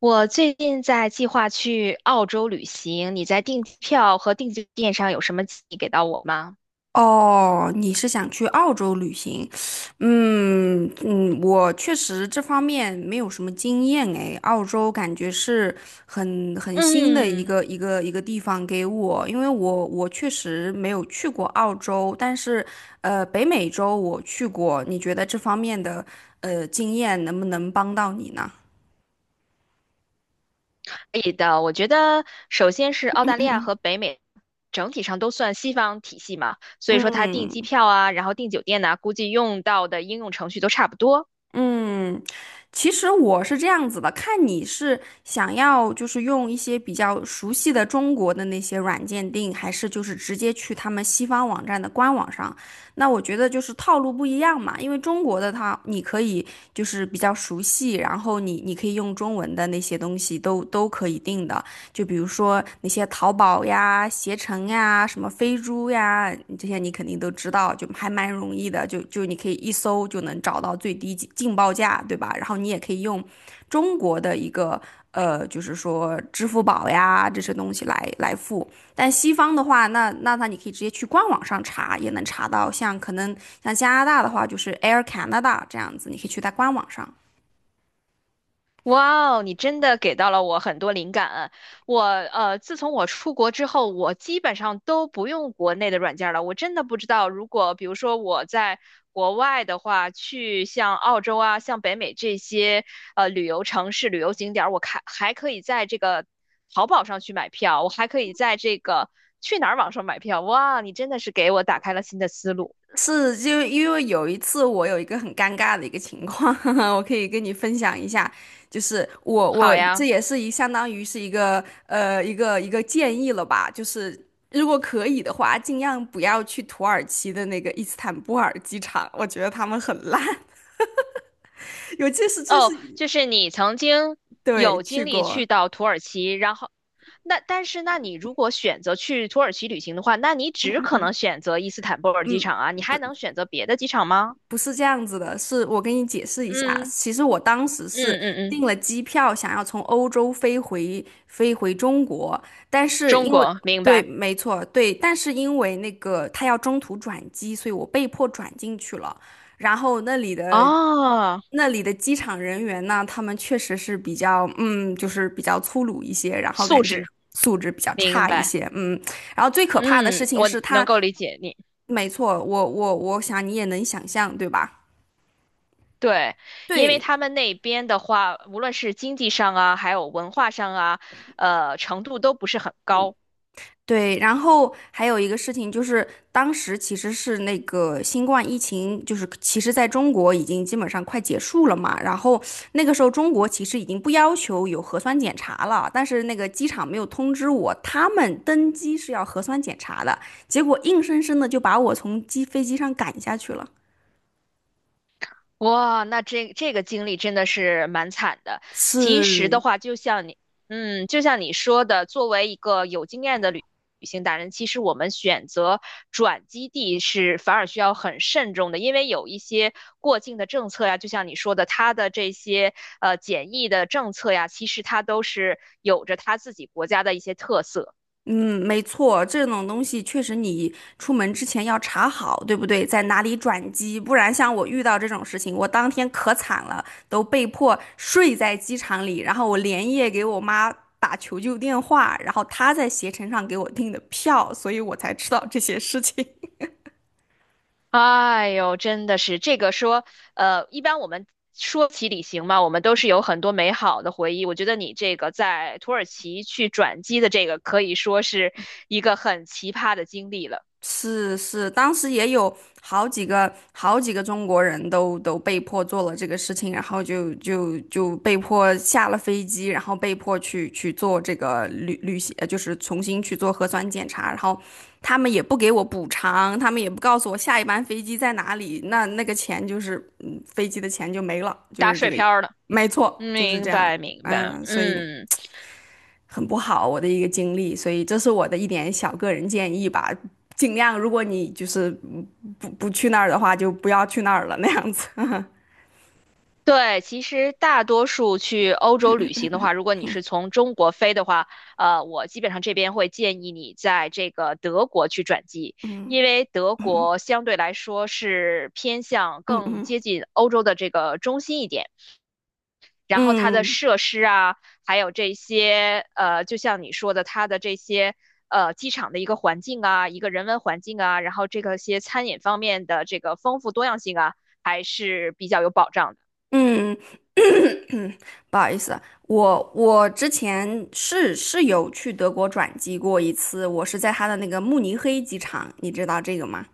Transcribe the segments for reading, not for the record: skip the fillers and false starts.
我最近在计划去澳洲旅行，你在订票和订酒店上有什么建议给到我吗？哦，你是想去澳洲旅行？嗯嗯，我确实这方面没有什么经验诶，澳洲感觉是很新的一嗯，个一个一个地方给我，因为我确实没有去过澳洲，但是北美洲我去过。你觉得这方面的经验能不能帮到你呢？可以的。我觉得首先是澳嗯大利亚嗯和北美整体上都算西方体系嘛，所以说它订嗯。机嗯。票啊，然后订酒店呐、估计用到的应用程序都差不多。嗯，其实我是这样子的，看你是想要就是用一些比较熟悉的中国的那些软件订，还是就是直接去他们西方网站的官网上。那我觉得就是套路不一样嘛，因为中国的它你可以就是比较熟悉，然后你可以用中文的那些东西都可以订的。就比如说那些淘宝呀、携程呀、什么飞猪呀，这些你肯定都知道，就还蛮容易的，就你可以一搜就能找到最低进报价，对吧？然后你也可以用中国的一个就是说支付宝呀这些东西来付。但西方的话，那你可以直接去官网上查，也能查到。像可能像加拿大的话，就是 Air Canada 这样子，你可以去在官网上。哇哦，你真的给到了我很多灵感啊。我自从我出国之后，我基本上都不用国内的软件了。我真的不知道，如果比如说我在国外的话，去像澳洲啊、像北美这些旅游城市、旅游景点儿，我看还可以在这个淘宝上去买票，我还可以在这个去哪儿网上买票。哇，你真的是给我打开了新的思路。是，就因为有一次我有一个很尴尬的一个情况，我可以跟你分享一下。就是我好我这呀。也是相当于是一个一个建议了吧，就是如果可以的话，尽量不要去土耳其的那个伊斯坦布尔机场，我觉得他们很烂，尤其是这是哦，就是你曾经对有去经历过。去到土耳其，然后那但是那你如果选择去土耳其旅行的话，那你只可嗯能选择伊斯坦布尔机嗯。场啊，你还能选择别的机场吗？不是这样子的，是我跟你解释一下，嗯其实我当时是嗯嗯嗯，订了机票，想要从欧洲飞回中国，但是中因为国，明对，白。没错，对，但是因为那个他要中途转机，所以我被迫转进去了，然后那里的。哦，那里的机场人员呢，他们确实是比较，嗯，就是比较粗鲁一些，然后素感觉质，素质比较明差一白。些，嗯。然后最可怕的嗯，事情我是能他，够理解你。没错，我想你也能想象，对吧？对，因为对他们那边的话，无论是经济上啊，还有文化上啊，程度都不是很高。对，然后还有一个事情就是，当时其实是那个新冠疫情，就是其实在中国已经基本上快结束了嘛。然后那个时候中国其实已经不要求有核酸检查了，但是那个机场没有通知我，他们登机是要核酸检查的，结果硬生生的就把我从机飞机上赶下去了。哇，那这这个经历真的是蛮惨的。其实的是，话，就像你，嗯，就像你说的，作为一个有经验的旅行达人，其实我们选择转基地是反而需要很慎重的，因为有一些过境的政策呀，就像你说的，它的这些检疫的政策呀，其实它都是有着它自己国家的一些特色。嗯，没错，这种东西确实你出门之前要查好，对不对？在哪里转机，不然像我遇到这种事情，我当天可惨了，都被迫睡在机场里，然后我连夜给我妈打求救电话，然后她在携程上给我订的票，所以我才知道这些事情。哎呦，真的是这个说，一般我们说起旅行嘛，我们都是有很多美好的回忆。我觉得你这个在土耳其去转机的这个，可以说是一个很奇葩的经历了，是是，当时也有好几个中国人都被迫做了这个事情，然后就被迫下了飞机，然后被迫去做这个旅行，就是重新去做核酸检查，然后他们也不给我补偿，他们也不告诉我下一班飞机在哪里，那那个钱就是飞机的钱就没了，就打是这水个，漂儿了。没错，嗯就是这明样，白，明哎白，呀，所以。嗯。很不好，我的一个经历，所以这是我的一点小个人建议吧。尽量，如果你就是不去那儿的话，就不要去那儿了那样子。对，其实大多数去欧洲旅行的话，如果你是从中国飞的话，我基本上这边会建议你在这个德国去转机，嗯因为德嗯国相对来说是偏向嗯更嗯接近欧洲的这个中心一点，然后它的嗯设施啊，还有这些就像你说的，它的这些机场的一个环境啊，一个人文环境啊，然后这个些餐饮方面的这个丰富多样性啊，还是比较有保障的。嗯，不好意思，我之前是有去德国转机过一次，我是在他的那个慕尼黑机场，你知道这个吗？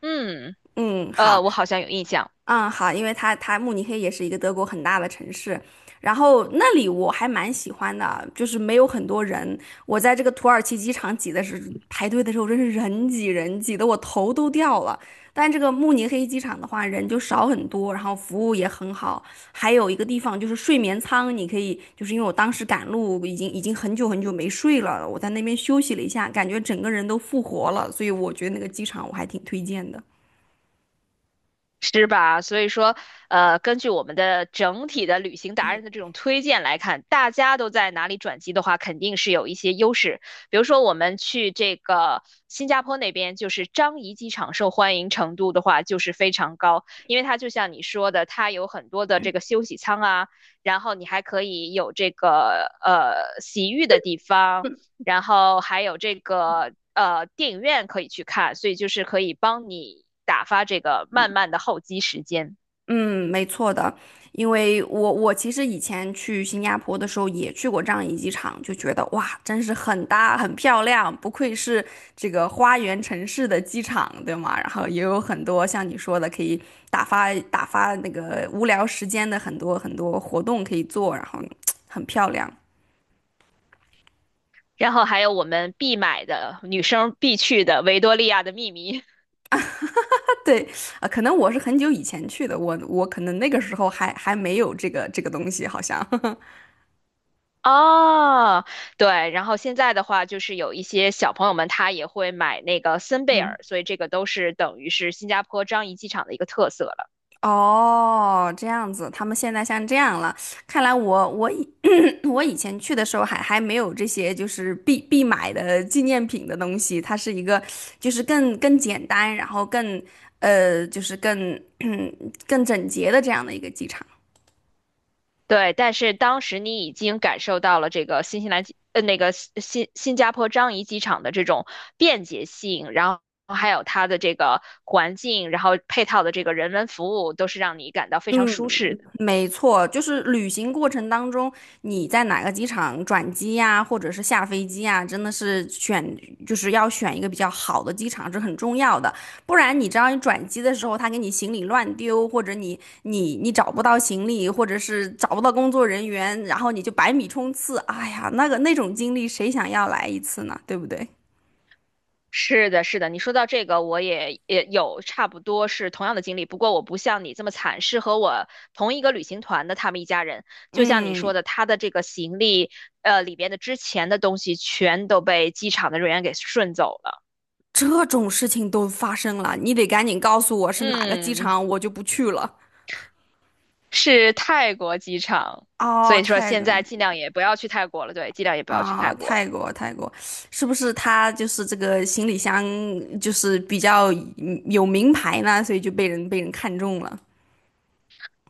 嗯。嗯，好。我好像有印象，嗯，好，因为它慕尼黑也是一个德国很大的城市，然后那里我还蛮喜欢的，就是没有很多人。我在这个土耳其机场挤的是排队的时候，真是人挤人挤得我头都掉了。但这个慕尼黑机场的话，人就少很多，然后服务也很好。还有一个地方就是睡眠舱，你可以就是因为我当时赶路已经很久没睡了，我在那边休息了一下，感觉整个人都复活了，所以我觉得那个机场我还挺推荐的。是吧？所以说，根据我们的整体的旅行达人的这种推荐来看，大家都在哪里转机的话，肯定是有一些优势。比如说，我们去这个新加坡那边，就是樟宜机场受欢迎程度的话，就是非常高，因为它就像你说的，它有很多的这个休息舱啊，然后你还可以有这个洗浴的地方。然后还有这个电影院可以去看，所以就是可以帮你打发这个慢慢的候机时间。嗯，没错的，因为我其实以前去新加坡的时候也去过樟宜机场，就觉得哇，真是很大很漂亮，不愧是这个花园城市的机场，对吗？然后也有很多像你说的可以打发打发那个无聊时间的很多活动可以做，然后很漂亮。然后还有我们必买的女生必去的《维多利亚的秘密》对，啊，可能我是很久以前去的，我可能那个时候还没有这个东西，好像。哦，对。然后现在的话，就是有一些小朋友们他也会买那个森贝尔，所以这个都是等于是新加坡樟宜机场的一个特色。哦，这样子，他们现在像这样了。看来我以 我以前去的时候还没有这些就是必买的纪念品的东西，它是一个就是更简单，然后更就是更 更整洁的这样的一个机场。对，但是当时你已经感受到了这个新西兰机，那个新加坡樟宜机场的这种便捷性，然后还有它的这个环境，然后配套的这个人文服务，都是让你感到非常舒适的。没错，就是旅行过程当中，你在哪个机场转机呀，或者是下飞机呀，真的是选，就是要选一个比较好的机场，这很重要的。不然你知道，你转机的时候，他给你行李乱丢，或者你找不到行李，或者是找不到工作人员，然后你就百米冲刺，哎呀，那个那种经历，谁想要来一次呢？对不对？是的，是的，你说到这个，我也有差不多是同样的经历，不过我不像你这么惨，是和我同一个旅行团的他们一家人，就像你嗯，说的，他的这个行李，里边的之前的东西全都被机场的人员给顺走了。这种事情都发生了，你得赶紧告诉我是哪个机嗯。场，我就不去了。是泰国机场，所哦，以说太现在梗尽量也不要去泰国了，对，尽量也不要去啊，泰国了。泰国泰国，是不是他就是这个行李箱就是比较有名牌呢？所以就被人看中了。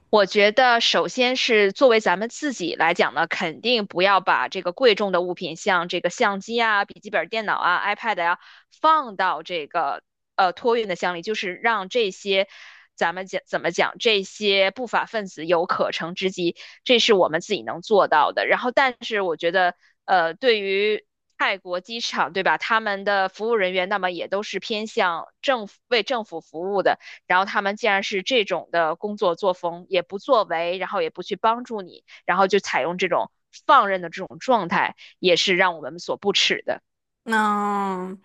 我觉得，首先是作为咱们自己来讲呢，肯定不要把这个贵重的物品，像这个相机啊、笔记本电脑啊、iPad 呀、放到这个托运的箱里，就是让这些咱们讲怎么讲，这些不法分子有可乘之机，这是我们自己能做到的。然后，但是我觉得，对于泰国机场，对吧？他们的服务人员，那么也都是偏向政府，为政府服务的。然后他们既然是这种的工作作风，也不作为，然后也不去帮助你，然后就采用这种放任的这种状态，也是让我们所不齿的。那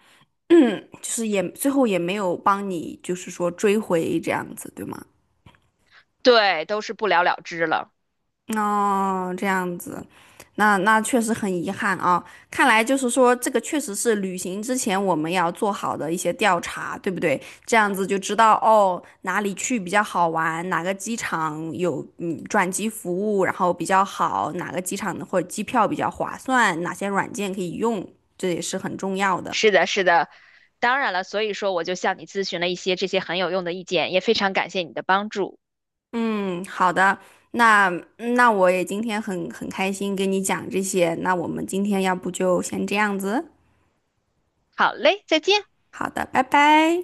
就是也最后也没有帮你，就是说追回这样子，对吗？对，都是不了了之了。哦，这样子，那那确实很遗憾啊。看来就是说，这个确实是旅行之前我们要做好的一些调查，对不对？这样子就知道哦，哪里去比较好玩，哪个机场有转机服务，然后比较好，哪个机场的或者机票比较划算，哪些软件可以用，这也是很重要的。是的，是的。当然了，所以说我就向你咨询了一些这些很有用的意见，也非常感谢你的帮助。嗯，好的，那我也今天很开心跟你讲这些，那我们今天要不就先这样子。好嘞，再见。好的，拜拜。